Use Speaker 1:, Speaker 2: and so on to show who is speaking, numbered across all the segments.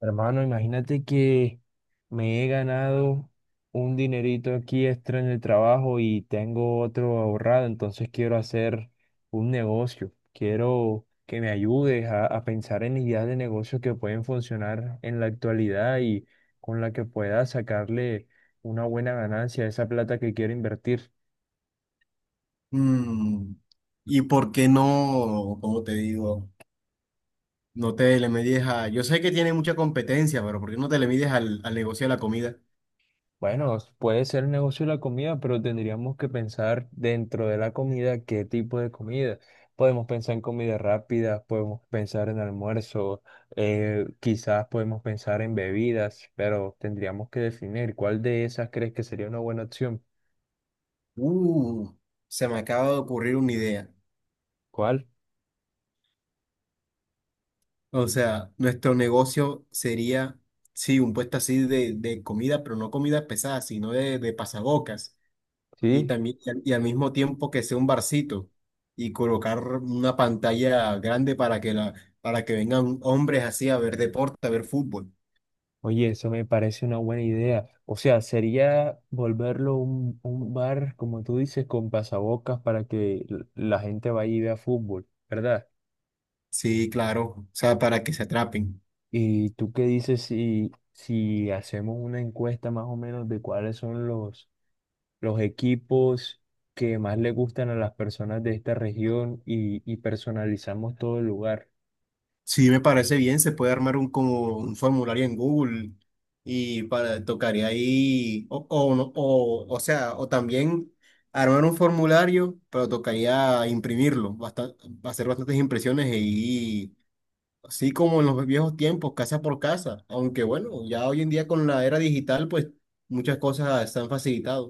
Speaker 1: Hermano, imagínate que me he ganado un dinerito aquí extra en el trabajo y tengo otro ahorrado, entonces quiero hacer un negocio. Quiero que me ayudes a pensar en ideas de negocios que pueden funcionar en la actualidad y con la que pueda sacarle una buena ganancia a esa plata que quiero invertir.
Speaker 2: Mm, ¿Y por qué no, como te digo, no te le mides a... Yo sé que tiene mucha competencia, pero ¿por qué no te le mides al negocio de la comida?
Speaker 1: Bueno, puede ser el negocio de la comida, pero tendríamos que pensar dentro de la comida qué tipo de comida. Podemos pensar en comida rápida, podemos pensar en almuerzo, quizás podemos pensar en bebidas, pero tendríamos que definir cuál de esas crees que sería una buena opción.
Speaker 2: Uh, se me acaba de ocurrir una idea.
Speaker 1: ¿Cuál?
Speaker 2: O sea, nuestro negocio sería, sí, un puesto así de comida, pero no comida pesada, sino de pasabocas. Y
Speaker 1: Sí.
Speaker 2: también, y al mismo tiempo que sea un barcito y colocar una pantalla grande para que vengan hombres así a ver deporte, a ver fútbol.
Speaker 1: Oye, eso me parece una buena idea. O sea, sería volverlo un bar, como tú dices, con pasabocas para que la gente vaya y vea fútbol, ¿verdad?
Speaker 2: Sí, claro. O sea, para que se atrapen.
Speaker 1: ¿Y tú qué dices si hacemos una encuesta más o menos de cuáles son los equipos que más le gustan a las personas de esta región y personalizamos todo el lugar?
Speaker 2: Sí, me parece bien, se puede armar como un formulario en Google y para, tocaría ahí, o, no- o sea, o también armar un formulario, pero tocaría imprimirlo, hacer bastantes impresiones y así como en los viejos tiempos, casa por casa, aunque bueno, ya hoy en día con la era digital, pues muchas cosas están facilitadas.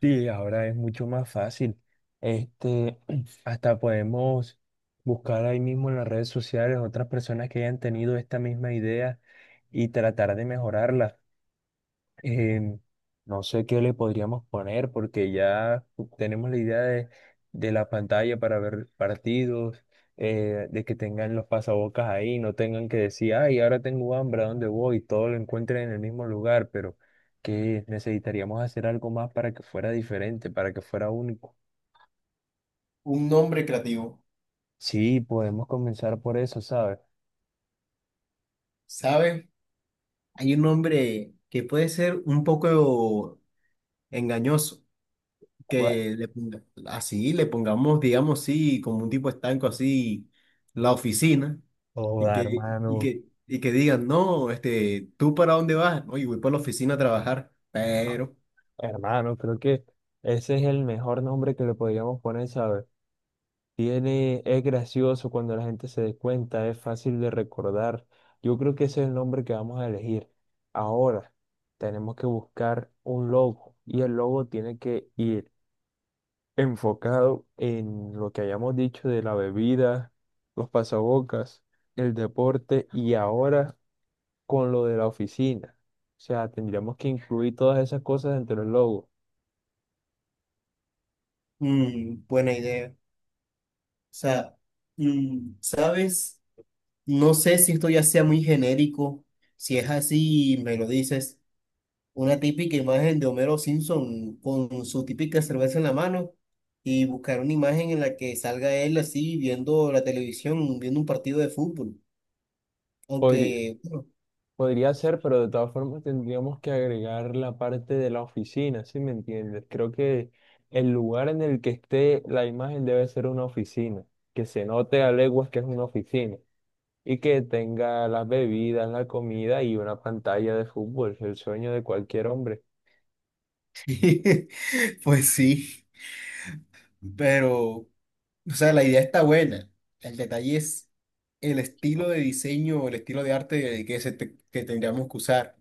Speaker 1: Sí, ahora es mucho más fácil. Este, hasta podemos buscar ahí mismo en las redes sociales otras personas que hayan tenido esta misma idea y tratar de mejorarla. Eh, no sé qué le podríamos poner porque ya tenemos la idea de la pantalla para ver partidos, de que tengan los pasabocas ahí, no tengan que decir, ay, ahora tengo hambre, ¿a dónde voy? Todo lo encuentren en el mismo lugar, pero que necesitaríamos hacer algo más para que fuera diferente, para que fuera único.
Speaker 2: Un nombre creativo,
Speaker 1: Sí, podemos comenzar por eso, ¿sabes?
Speaker 2: ¿sabes? Hay un nombre que puede ser un poco engañoso.
Speaker 1: ¿Cuál?
Speaker 2: Así le pongamos, digamos, sí, como un tipo estanco así, la oficina, y
Speaker 1: Joda,
Speaker 2: que, y
Speaker 1: hermano,
Speaker 2: que, y que digan, no, ¿tú para dónde vas? Oye, voy para la oficina a trabajar, pero,
Speaker 1: hermano, creo que ese es el mejor nombre que le podríamos poner, ¿sabes? Tiene, es gracioso cuando la gente se dé cuenta, es fácil de recordar. Yo creo que ese es el nombre que vamos a elegir. Ahora tenemos que buscar un logo y el logo tiene que ir enfocado en lo que hayamos dicho de la bebida, los pasabocas, el deporte y ahora con lo de la oficina. O sea, tendríamos que incluir todas esas cosas dentro del logo.
Speaker 2: buena idea. O sea, ¿sabes? No sé si esto ya sea muy genérico, si es así, me lo dices. Una típica imagen de Homero Simpson con su típica cerveza en la mano y buscar una imagen en la que salga él así viendo la televisión, viendo un partido de fútbol. Aunque, bueno,
Speaker 1: Podría ser, pero de todas formas tendríamos que agregar la parte de la oficina, ¿sí me entiendes? Creo que el lugar en el que esté la imagen debe ser una oficina, que se note a leguas que es una oficina y que tenga las bebidas, la comida y una pantalla de fútbol, el sueño de cualquier hombre.
Speaker 2: pues sí, pero, o sea, la idea está buena. El detalle es el estilo de diseño, el estilo de arte que, que tendríamos que usar.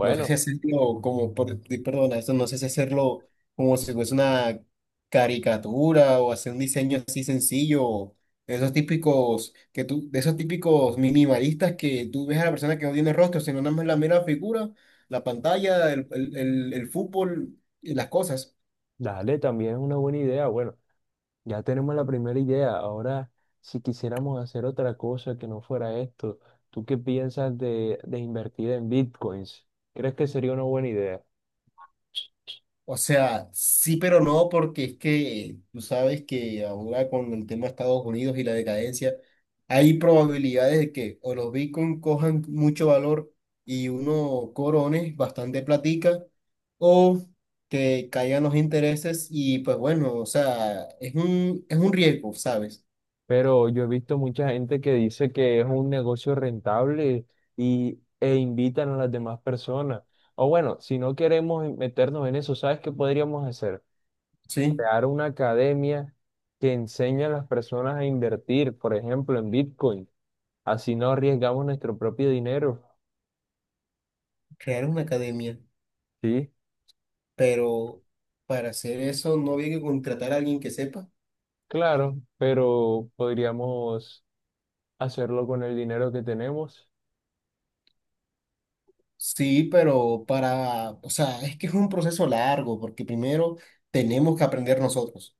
Speaker 2: No sé si hacerlo como, perdona, eso no sé si hacerlo como si fuese una caricatura o hacer un diseño así sencillo, de esos típicos que tú, de esos típicos minimalistas que tú ves a la persona que no tiene rostro, sino nada más la mera figura, la pantalla, el fútbol y las cosas.
Speaker 1: dale, también es una buena idea. Bueno, ya tenemos la primera idea. Ahora, si quisiéramos hacer otra cosa que no fuera esto, ¿tú qué piensas de invertir en bitcoins? ¿Crees que sería una buena idea?
Speaker 2: O sea, sí, pero no, porque es que tú sabes que ahora con el tema de Estados Unidos y la decadencia, hay probabilidades de que o los Bitcoin cojan mucho valor y uno corone bastante platica, o que caigan los intereses y pues bueno, o sea, es un riesgo, ¿sabes?
Speaker 1: Pero yo he visto mucha gente que dice que es un negocio rentable e invitan a las demás personas. O bueno, si no queremos meternos en eso, ¿sabes qué podríamos hacer?
Speaker 2: Sí,
Speaker 1: Crear una academia que enseñe a las personas a invertir, por ejemplo, en bitcoin. Así no arriesgamos nuestro propio dinero,
Speaker 2: crear una academia,
Speaker 1: ¿sí?
Speaker 2: pero para hacer eso no había que contratar a alguien que sepa.
Speaker 1: Claro, pero podríamos hacerlo con el dinero que tenemos.
Speaker 2: Sí, pero para, o sea, es que es un proceso largo, porque primero tenemos que aprender nosotros.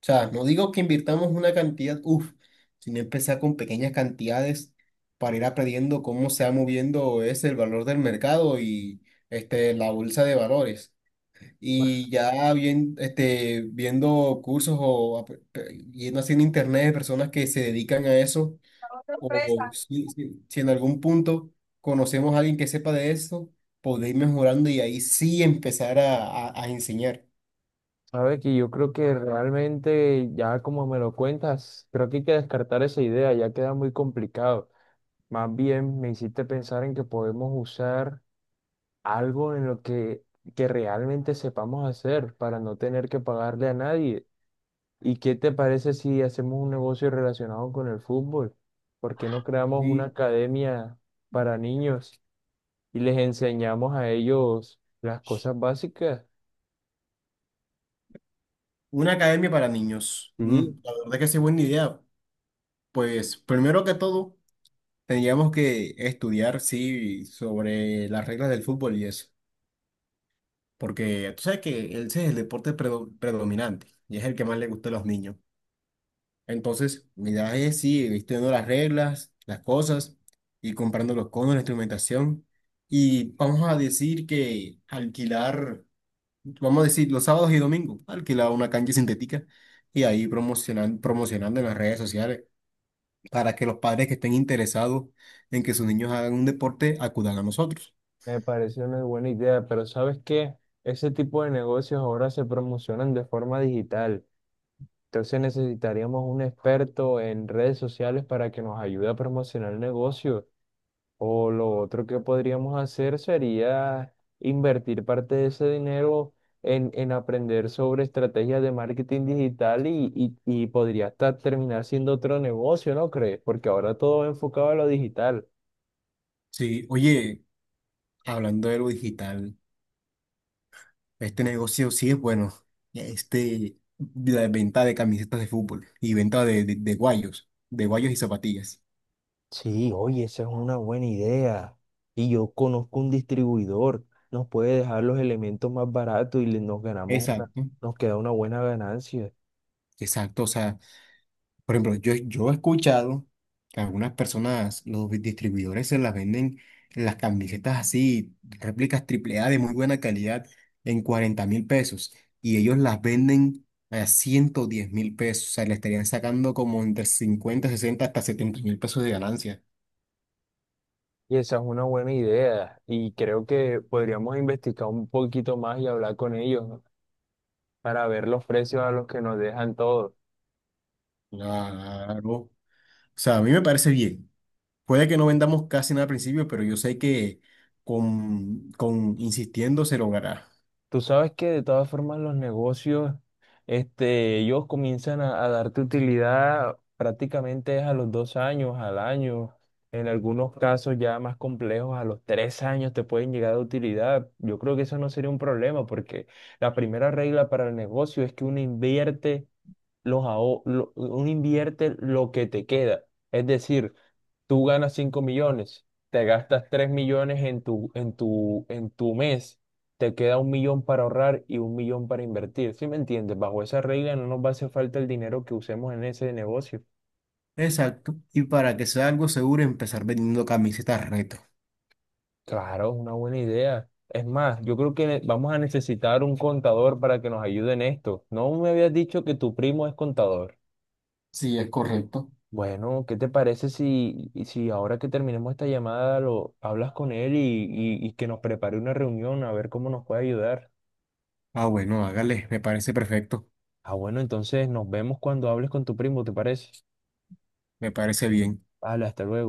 Speaker 2: O sea, no digo que invirtamos una cantidad, uff, sino empezar con pequeñas cantidades para ir aprendiendo cómo se va moviendo es el valor del mercado y la bolsa de valores. Y ya bien, viendo cursos o yendo así en internet de personas que se dedican a eso o si en algún punto conocemos a alguien que sepa de esto, podéis ir mejorando y ahí sí empezar a enseñar.
Speaker 1: A ver, que yo creo que realmente, ya como me lo cuentas, creo que hay que descartar esa idea, ya queda muy complicado. Más bien me hiciste pensar en que podemos usar algo en lo que realmente sepamos hacer para no tener que pagarle a nadie. ¿Y qué te parece si hacemos un negocio relacionado con el fútbol? ¿Por qué no creamos una
Speaker 2: Y
Speaker 1: academia para niños? Y les enseñamos a ellos las cosas básicas.
Speaker 2: una academia para niños.
Speaker 1: Sí,
Speaker 2: La verdad que sí, buena idea. Pues primero que todo, tendríamos que estudiar, sí, sobre las reglas del fútbol y eso. Porque tú sabes que ese es el deporte predominante y es el que más le gusta a los niños. Entonces, mi idea es sí, vistiendo las reglas, las cosas, y comprando los conos, la instrumentación. Y vamos a decir que alquilar, vamos a decir los sábados y domingos, alquilar una cancha sintética y ahí promocionando en las redes sociales para que los padres que estén interesados en que sus niños hagan un deporte acudan a nosotros.
Speaker 1: me parece una buena idea, pero ¿sabes qué? Ese tipo de negocios ahora se promocionan de forma digital. Entonces necesitaríamos un experto en redes sociales para que nos ayude a promocionar el negocio. O lo otro que podríamos hacer sería invertir parte de ese dinero en aprender sobre estrategias de marketing digital y podría hasta terminar siendo otro negocio, ¿no crees? Porque ahora todo va enfocado a lo digital.
Speaker 2: Sí, oye, hablando de lo digital. Este negocio sí es bueno. Este, la venta de camisetas de fútbol y venta de guayos y zapatillas.
Speaker 1: Sí, oye, esa es una buena idea. Y yo conozco un distribuidor, nos puede dejar los elementos más baratos y
Speaker 2: Exacto,
Speaker 1: nos queda una buena ganancia.
Speaker 2: exacto. O sea, por ejemplo, yo he escuchado que algunas personas, los distribuidores se las venden las camisetas así, réplicas triple A de muy buena calidad, en 40.000 pesos. Y ellos las venden a 110.000 pesos. O sea, le estarían sacando como entre 50 60 hasta 70.000 pesos de ganancia.
Speaker 1: Y esa es una buena idea y creo que podríamos investigar un poquito más y hablar con ellos, ¿no? Para ver los precios a los que nos dejan todo.
Speaker 2: Claro. O sea, a mí me parece bien. Puede que no vendamos casi nada al principio, pero yo sé que con insistiendo se logrará.
Speaker 1: Tú sabes que de todas formas los negocios, este, ellos comienzan a darte utilidad prácticamente es a los 2 años, al año. En algunos casos ya más complejos, a los 3 años te pueden llegar a utilidad. Yo creo que eso no sería un problema porque la primera regla para el negocio es que uno invierte uno invierte lo que te queda. Es decir, tú ganas 5 millones, te gastas 3 millones en tu, en tu mes, te queda 1 millón para ahorrar y 1 millón para invertir. ¿Sí me entiendes? Bajo esa regla no nos va a hacer falta el dinero que usemos en ese negocio.
Speaker 2: Exacto. Y para que sea algo seguro, empezar vendiendo camisetas reto.
Speaker 1: Claro, es una buena idea. Es más, yo creo que vamos a necesitar un contador para que nos ayude en esto. ¿No me habías dicho que tu primo es contador?
Speaker 2: Sí, es correcto.
Speaker 1: Bueno, ¿qué te parece si, y si ahora que terminemos esta llamada lo hablas con él y que nos prepare una reunión a ver cómo nos puede ayudar?
Speaker 2: Ah, bueno, hágale, me parece perfecto,
Speaker 1: Ah, bueno, entonces nos vemos cuando hables con tu primo, ¿te parece?
Speaker 2: me parece bien.
Speaker 1: Vale, hasta luego.